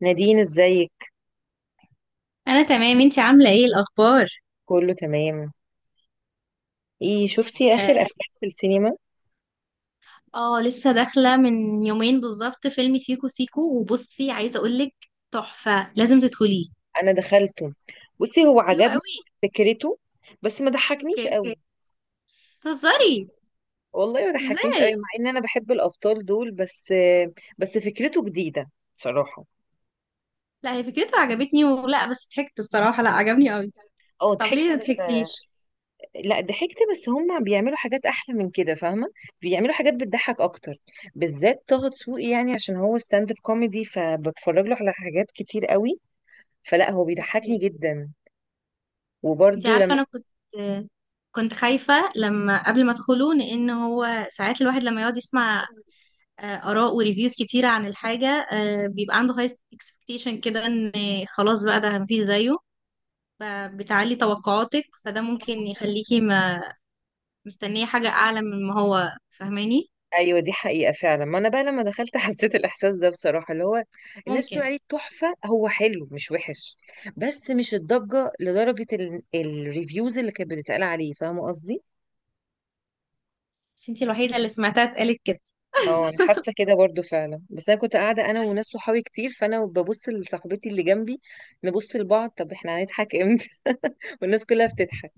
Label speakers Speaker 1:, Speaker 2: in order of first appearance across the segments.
Speaker 1: نادين، ازيك؟
Speaker 2: انا تمام، انتي عامله ايه الاخبار؟
Speaker 1: كله تمام. ايه، شفتي
Speaker 2: اه.
Speaker 1: اخر افلام في السينما؟
Speaker 2: لسه داخله من يومين بالظبط فيلم سيكو سيكو. وبصي عايزه اقولك، تحفه لازم تدخليه.
Speaker 1: انا دخلته. بصي، هو
Speaker 2: حلو
Speaker 1: عجبني
Speaker 2: قوي.
Speaker 1: فكرته، بس ما ضحكنيش
Speaker 2: اوكي.
Speaker 1: قوي.
Speaker 2: تهزري؟
Speaker 1: والله ما ضحكنيش قوي
Speaker 2: ازاي؟
Speaker 1: مع ان انا بحب الابطال دول، بس بس فكرته جديدة صراحة.
Speaker 2: لا، هي فكرته عجبتني، ولا بس ضحكت؟ الصراحه لا، عجبني قوي.
Speaker 1: اه،
Speaker 2: طب ليه
Speaker 1: ضحكت
Speaker 2: ما
Speaker 1: بس.
Speaker 2: ضحكتيش؟
Speaker 1: لا، ضحكت، بس هم بيعملوا حاجات احلى من كده، فاهمة؟ بيعملوا حاجات بتضحك اكتر، بالذات طه دسوقي. يعني عشان هو ستاند اب كوميدي، فبتفرج له على حاجات كتير قوي، فلا هو بيضحكني
Speaker 2: اوكي.
Speaker 1: جدا.
Speaker 2: انتي
Speaker 1: وبرده.
Speaker 2: عارفه، انا كنت خايفه لما قبل ما ادخله، لان هو ساعات الواحد لما يقعد يسمع آراء وريفيوز كتيرة عن الحاجة، بيبقى عنده هاي اكسبكتيشن كده ان خلاص بقى ده مفيش زيه. فبتعلي توقعاتك، فده ممكن
Speaker 1: لما...
Speaker 2: يخليكي ما مستنية حاجة أعلى من ما هو، فاهماني؟
Speaker 1: ايوه، دي حقيقة فعلا. ما انا بقى لما دخلت حسيت الاحساس ده بصراحة، اللي هو الناس بتقول
Speaker 2: ممكن.
Speaker 1: عليه تحفة. هو حلو، مش وحش، بس مش الضجة لدرجة الريفيوز اللي كانت بتتقال عليه، فاهمة قصدي؟
Speaker 2: بس انتي الوحيدة اللي سمعتها اتقالت كده.
Speaker 1: اه، انا حاسة كده برضو فعلا. بس انا كنت قاعدة انا وناس صحابي كتير، فانا ببص لصاحبتي اللي جنبي، نبص لبعض، طب احنا هنضحك امتى؟ والناس كلها بتضحك.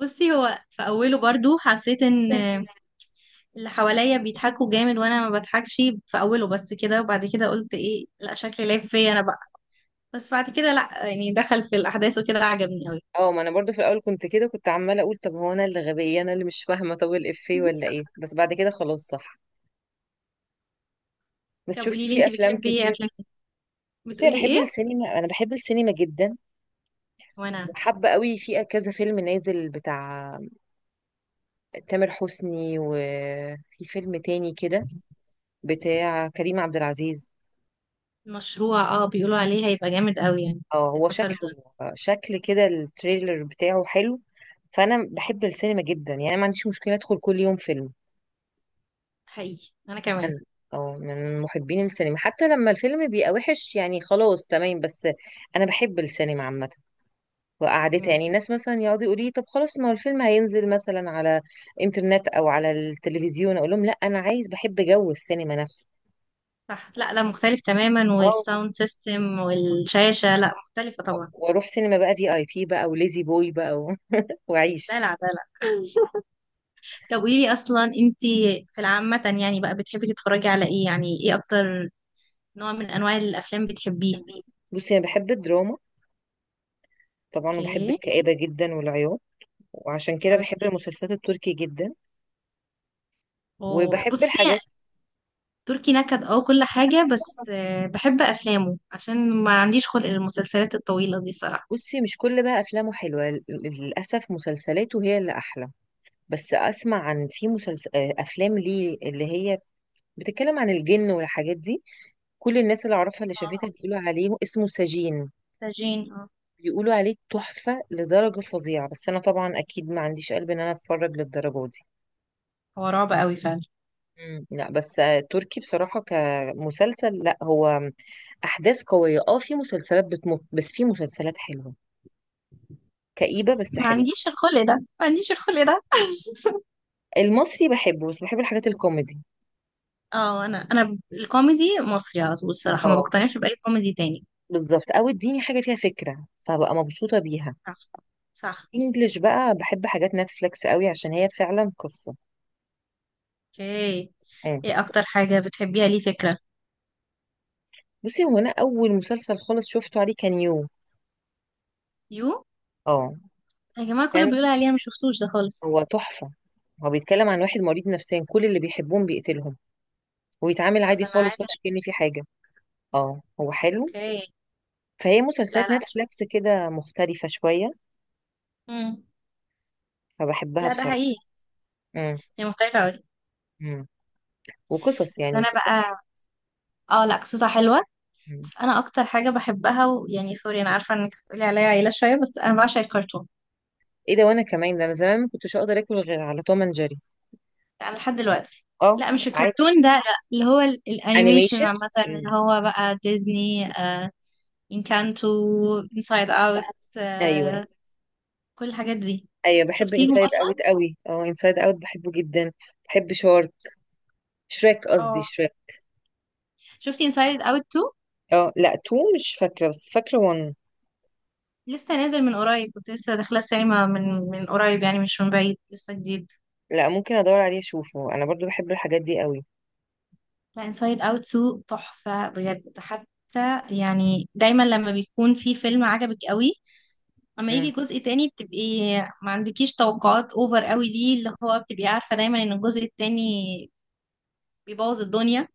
Speaker 2: بصي، هو في أوله برضو حسيت ان اللي حواليا بيضحكوا جامد وانا ما بضحكش. في أوله بس كده، وبعد كده قلت ايه، لا شكلي لعب فيا انا بقى. بس بعد كده لا، يعني دخل في الأحداث وكده، عجبني
Speaker 1: اه، ما انا برضو في الاول كنت كده، كنت عمالة اقول طب هو انا اللي غبية؟ انا اللي مش فاهمة؟ طب الافيه
Speaker 2: أوي.
Speaker 1: ولا ايه؟ بس بعد كده خلاص، صح. بس
Speaker 2: طب
Speaker 1: شفتي
Speaker 2: قولي لي،
Speaker 1: في
Speaker 2: انت
Speaker 1: افلام
Speaker 2: بتحبي ايه
Speaker 1: كتير؟
Speaker 2: افلام كده؟
Speaker 1: بصي، انا
Speaker 2: بتقولي
Speaker 1: بحب
Speaker 2: ايه؟
Speaker 1: السينما. انا بحب السينما جدا،
Speaker 2: وانا.
Speaker 1: وحابه قوي في كذا فيلم نازل، بتاع تامر حسني، وفي فيلم تاني كده بتاع كريم عبد العزيز.
Speaker 2: المشروع، اه، بيقولوا عليه هيبقى جامد قوي يعني،
Speaker 1: اه، هو
Speaker 2: كسر
Speaker 1: شكله،
Speaker 2: الدنيا.
Speaker 1: شكل كده التريلر بتاعه حلو. فانا بحب السينما جدا. يعني أنا ما عنديش مشكله ادخل كل يوم فيلم.
Speaker 2: حقيقي انا
Speaker 1: انا
Speaker 2: كمان.
Speaker 1: اه، من محبين السينما. حتى لما الفيلم بيبقى وحش، يعني خلاص تمام، بس انا بحب السينما عامه وقعدتها.
Speaker 2: مم.
Speaker 1: يعني الناس مثلا يقعدوا يقولوا لي طب خلاص، ما هو الفيلم هينزل مثلا على انترنت او على التلفزيون، اقول لهم لا، انا عايز بحب جو السينما نفسه.
Speaker 2: صح، لا لا، مختلف تماما،
Speaker 1: اه،
Speaker 2: والساوند سيستم والشاشة لا، مختلفة طبعا.
Speaker 1: واروح سينما بقى في اي بي بقى، وليزي بوي بقى واعيش.
Speaker 2: دلع دلع. طب قولي لي اصلا، انت في العامة يعني بقى بتحبي تتفرجي على ايه؟ يعني ايه اكتر نوع من انواع الافلام بتحبيه؟
Speaker 1: بي- بصي، انا بحب الدراما طبعا، وبحب
Speaker 2: اوكي.
Speaker 1: الكآبة جدا والعياط، وعشان كده بحب
Speaker 2: حبيبتي.
Speaker 1: المسلسلات التركي جدا،
Speaker 2: أوه.
Speaker 1: وبحب
Speaker 2: بصي،
Speaker 1: الحاجات.
Speaker 2: تركي نكد، اه، كل حاجة. بس بحب أفلامه عشان ما عنديش خلق للمسلسلات الطويلة دي صراحة.
Speaker 1: بصي مش كل بقى افلامه حلوة، للاسف مسلسلاته هي اللي احلى. بس اسمع عن، في مسلسل افلام ليه اللي هي بتتكلم عن الجن والحاجات دي. كل الناس اللي اعرفها اللي شافتها
Speaker 2: اه.
Speaker 1: بيقولوا عليه، اسمه سجين.
Speaker 2: سجين، اه.
Speaker 1: بيقولوا عليه تحفة لدرجة فظيعة، بس انا طبعا اكيد ما عنديش قلب ان انا اتفرج للدرجة دي.
Speaker 2: هو رعب قوي فعلا.
Speaker 1: مم. لا، بس تركي بصراحة كمسلسل، لا هو احداث قوية. اه، في مسلسلات بتمط، بس في مسلسلات حلوة، كئيبة بس
Speaker 2: ما
Speaker 1: حلوة.
Speaker 2: عنديش الخلق ده، ما عنديش الخلق ده.
Speaker 1: المصري بحبه، بس بحب الحاجات الكوميدي.
Speaker 2: اه، أنا الكوميدي مصري على طول، الصراحة ما
Speaker 1: اه،
Speaker 2: بقتنعش بأي كوميدي تاني.
Speaker 1: بالظبط. او اديني حاجة فيها فكرة فبقى مبسوطة بيها.
Speaker 2: صح. صح.
Speaker 1: انجلش بقى بحب حاجات نتفليكس قوي عشان هي فعلا قصة.
Speaker 2: اوكي. ايه اكتر حاجة بتحبيها؟ ليه؟ فكرة.
Speaker 1: بصي، هو انا اول مسلسل خالص شفته عليه كان يو.
Speaker 2: يو.
Speaker 1: اه،
Speaker 2: يا جماعة، كله
Speaker 1: كان،
Speaker 2: بيقول عليه، أنا مش شفتوش ده خالص.
Speaker 1: هو تحفه. هو بيتكلم عن واحد مريض نفسيا، كل اللي بيحبهم بيقتلهم ويتعامل
Speaker 2: لا،
Speaker 1: عادي
Speaker 2: ده انا
Speaker 1: خالص،
Speaker 2: عايزة
Speaker 1: ولا
Speaker 2: اشوف.
Speaker 1: كأن في حاجه. اه، هو حلو.
Speaker 2: اوكي.
Speaker 1: فهي
Speaker 2: لا لا،
Speaker 1: مسلسلات
Speaker 2: اشوف.
Speaker 1: نتفليكس كده مختلفه شويه،
Speaker 2: مم.
Speaker 1: فبحبها
Speaker 2: لا، ده
Speaker 1: بصراحه.
Speaker 2: حقيقي.
Speaker 1: امم.
Speaker 2: هي مختلفة أوي.
Speaker 1: امم. وقصص،
Speaker 2: بس
Speaker 1: يعني
Speaker 2: أنا
Speaker 1: قصص.
Speaker 2: بقى. اه لا، قصتها حلوة.
Speaker 1: مم.
Speaker 2: بس انا اكتر حاجه بحبها، ويعني سوري انا عارفه انك هتقولي عليا عيله شويه، بس انا بعشق الكرتون.
Speaker 1: ايه ده؟ وانا كمان، ده انا زمان ما كنتش اقدر اكل غير على توم اند جيري.
Speaker 2: انا لحد دلوقتي.
Speaker 1: اه.
Speaker 2: لا، مش
Speaker 1: عادي.
Speaker 2: الكرتون ده، لا. اللي هو الانيميشن
Speaker 1: انيميشن.
Speaker 2: عامه، اللي
Speaker 1: مم.
Speaker 2: هو بقى ديزني. انكانتو، انسايد اوت،
Speaker 1: ايوه.
Speaker 2: آه كل الحاجات دي.
Speaker 1: ايوه، بحب
Speaker 2: شفتيهم
Speaker 1: انسايد
Speaker 2: اصلا؟
Speaker 1: اوت قوي. اه، انسايد اوت بحبه جدا. بحب شارك، شريك قصدي،
Speaker 2: اه،
Speaker 1: شريك.
Speaker 2: شفتي انسايد اوت 2؟
Speaker 1: اه لا، تو مش فاكرة، بس فاكرة وان.
Speaker 2: لسه نازل من قريب، كنت لسه داخله السينما من قريب، يعني مش من بعيد، لسه جديد.
Speaker 1: لا، ممكن ادور عليه اشوفه، انا برضو بحب الحاجات دي قوي.
Speaker 2: لا، انسايد اوت 2 تحفه بجد. حتى يعني دايما لما بيكون في فيلم عجبك قوي، اما
Speaker 1: مم.
Speaker 2: يجي جزء تاني بتبقي ما عندكيش توقعات اوفر قوي، ليه؟ اللي هو بتبقي عارفة دايما ان الجزء التاني بيبوظ الدنيا.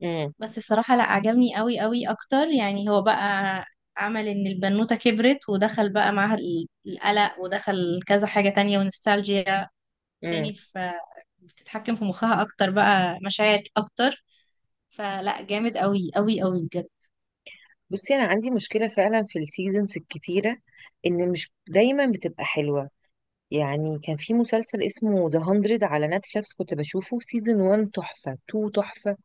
Speaker 1: مم.
Speaker 2: بس الصراحة لا، عجبني قوي قوي اكتر. يعني هو بقى عمل ان البنوتة كبرت، ودخل بقى معاها القلق، ودخل كذا حاجة تانية، ونستالجيا
Speaker 1: مم.
Speaker 2: تاني في بتتحكم في مخها، اكتر بقى مشاعر اكتر. فلا، جامد قوي قوي قوي بجد.
Speaker 1: بصي انا عندي مشكلة فعلا في السيزونز الكتيرة، ان مش دايما بتبقى حلوة. يعني كان في مسلسل اسمه ذا 100 على نتفليكس، كنت بشوفه سيزون 1 تحفة، 2 تحفة،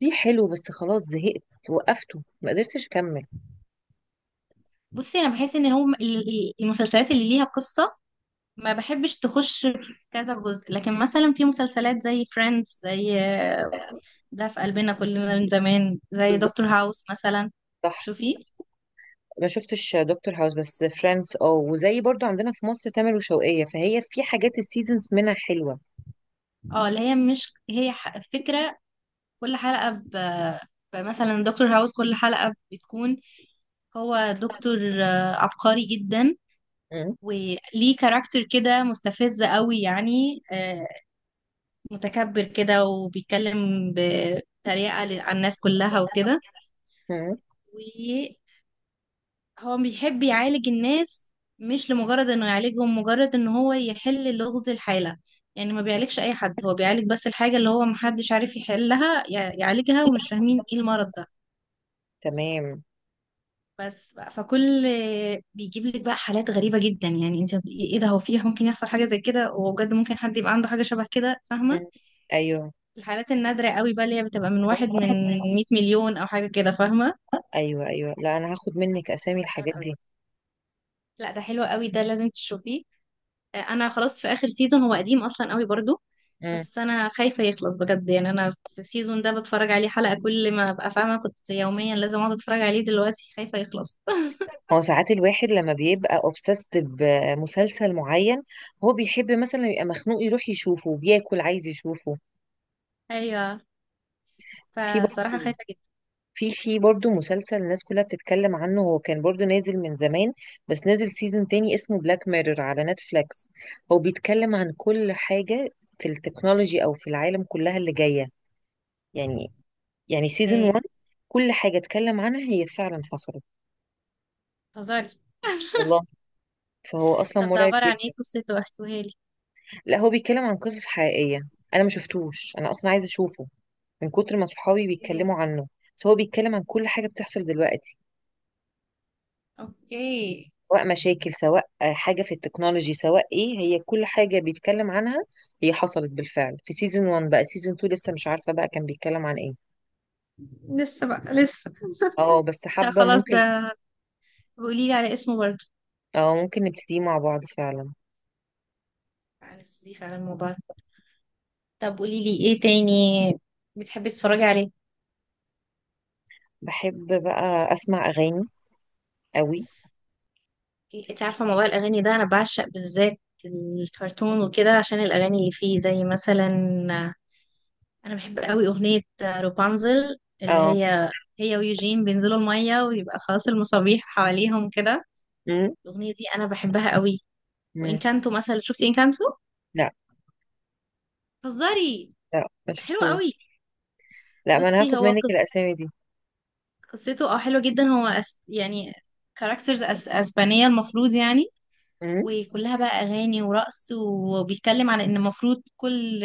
Speaker 1: 3 حلو، بس خلاص زهقت وقفته ما قدرتش اكمل.
Speaker 2: بصي، انا بحس ان هم المسلسلات اللي ليها قصة ما بحبش تخش في كذا جزء. لكن مثلا في مسلسلات زي فريندز، زي آه، ده في قلبنا كلنا من زمان، زي
Speaker 1: بالظبط.
Speaker 2: دكتور هاوس مثلا.
Speaker 1: صح.
Speaker 2: شوفي.
Speaker 1: ما شفتش دكتور هاوس، بس فريندز اه، وزي برضو عندنا في مصر تامر وشوقية، فهي في حاجات السيزونز منها حلوة.
Speaker 2: اه، اللي هي مش، هي فكرة كل حلقة مثلا دكتور هاوس، كل حلقة بتكون، هو دكتور عبقري جدا،
Speaker 1: مم.
Speaker 2: وليه كاركتر كده مستفز قوي يعني، متكبر كده وبيتكلم بطريقة على الناس كلها وكده.
Speaker 1: مم.
Speaker 2: هو بيحب يعالج الناس، مش لمجرد انه يعالجهم، مجرد ان هو يحل لغز الحالة. يعني ما بيعالجش اي حد، هو بيعالج بس الحاجة اللي هو محدش عارف يحلها، يعالجها، ومش فاهمين ايه المرض ده.
Speaker 1: تمام.
Speaker 2: بس بقى فكل بيجيب لك بقى حالات غريبة جدا. يعني انت ايه ده، هو فيه ممكن يحصل حاجة زي كده؟ وبجد ممكن حد يبقى عنده حاجة شبه كده، فاهمة؟
Speaker 1: مم. ايوه.
Speaker 2: الحالات النادرة قوي بقى، اللي هي بتبقى من واحد من 100 مليون او حاجة كده، فاهمة؟
Speaker 1: ايوه. ايوه، لا انا هاخد منك اسامي
Speaker 2: مسلسل جامد
Speaker 1: الحاجات
Speaker 2: قوي.
Speaker 1: دي.
Speaker 2: لا، ده حلو قوي، ده لازم تشوفيه. انا خلاص في اخر سيزون، هو قديم اصلا قوي برضو.
Speaker 1: مم.
Speaker 2: بس انا خايفه يخلص بجد، يعني انا في السيزون ده بتفرج عليه حلقه كل ما ابقى فاهمه، كنت يوميا لازم اقعد اتفرج عليه، دلوقتي خايفه يخلص.
Speaker 1: هو ساعات الواحد لما بيبقى obsessed بمسلسل معين، هو بيحب مثلا يبقى مخنوق، يروح يشوفه، بياكل عايز يشوفه.
Speaker 2: ايوه.
Speaker 1: في
Speaker 2: فصراحه
Speaker 1: برضه،
Speaker 2: خايفه جدا.
Speaker 1: في في برضه مسلسل الناس كلها بتتكلم عنه، هو كان برضه نازل من زمان، بس نازل سيزون تاني، اسمه بلاك ميرور على نتفليكس. هو بيتكلم عن كل حاجة في التكنولوجي أو في العالم كلها اللي جاية. يعني يعني سيزون
Speaker 2: ايه؟
Speaker 1: 1 كل حاجة اتكلم عنها هي فعلا حصلت.
Speaker 2: هزاري.
Speaker 1: والله. فهو أصلا
Speaker 2: طب ده
Speaker 1: مرعب
Speaker 2: عباره عن ايه؟
Speaker 1: جدا.
Speaker 2: قصته احكوها لي.
Speaker 1: لا، هو بيتكلم عن قصص حقيقية. أنا ما شفتوش، أنا أصلا عايزة أشوفه من كتر ما صحابي
Speaker 2: ايه؟
Speaker 1: بيتكلموا عنه. بس هو بيتكلم عن كل حاجة بتحصل دلوقتي،
Speaker 2: اوكي.
Speaker 1: سواء مشاكل، سواء حاجة في التكنولوجي، سواء ايه. هي كل حاجة بيتكلم عنها هي حصلت بالفعل في سيزون 1. بقى سيزون 2 لسه مش عارفة بقى كان بيتكلم عن ايه.
Speaker 2: لسه
Speaker 1: اه، بس
Speaker 2: لا،
Speaker 1: حابة،
Speaker 2: خلاص
Speaker 1: ممكن.
Speaker 2: ده. قولي لي على اسمه برضو.
Speaker 1: اه، ممكن نبتدي مع بعض فعلا.
Speaker 2: عارف، دي فعلا الموبايل. طب قولي لي ايه تاني بتحبي تتفرجي عليه؟
Speaker 1: بحب بقى اسمع اغاني قوي.
Speaker 2: انت عارفة موضوع الأغاني ده، أنا بعشق بالذات الكرتون وكده عشان الأغاني اللي فيه، زي مثلا أنا بحب قوي أغنية روبانزل، اللي
Speaker 1: اه.
Speaker 2: هي ويوجين بينزلوا المية ويبقى خلاص المصابيح حواليهم كده.
Speaker 1: امم.
Speaker 2: الأغنية دي أنا بحبها قوي.
Speaker 1: امم.
Speaker 2: وإنكانتو مثلا، شفتي إنكانتو؟
Speaker 1: لا.
Speaker 2: هزاري.
Speaker 1: لا، ما
Speaker 2: حلو
Speaker 1: شفتوش.
Speaker 2: قوي.
Speaker 1: لا، ما انا
Speaker 2: بصي،
Speaker 1: هاخد
Speaker 2: هو
Speaker 1: منك الاسامي دي.
Speaker 2: قصته حلوة جدا. هو يعني كاركترز أسبانية المفروض، يعني.
Speaker 1: امم.
Speaker 2: وكلها بقى أغاني ورقص، وبيتكلم على إن المفروض كل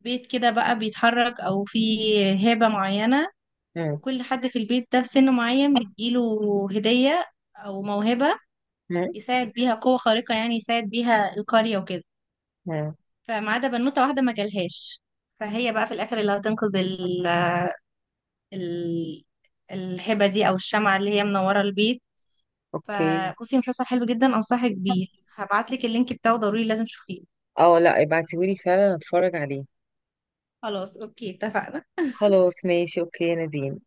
Speaker 2: بيت كده بقى بيتحرك او فيه هبة معينة،
Speaker 1: امم.
Speaker 2: وكل حد في البيت ده في سن معين بتجيله هدية او موهبة،
Speaker 1: امم.
Speaker 2: يساعد بيها قوة خارقة، يعني يساعد بيها القرية وكده.
Speaker 1: أمم.
Speaker 2: فما عدا بنوتة واحدة ما جالهاش، فهي بقى في الاخر اللي هتنقذ ال... الهبة دي، او الشمعة اللي هي منورة البيت.
Speaker 1: اوكي.
Speaker 2: فبصي، مسلسل حلو جدا، انصحك بيه. هبعتلك اللينك بتاعه ضروري، لازم تشوفيه.
Speaker 1: اه، لا، ابعتيهولي فعلا اتفرج عليه.
Speaker 2: خلاص اوكي، اتفقنا.
Speaker 1: خلاص ماشي، اوكي يا نادين.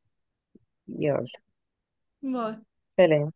Speaker 1: يلا.
Speaker 2: باي.
Speaker 1: سلام.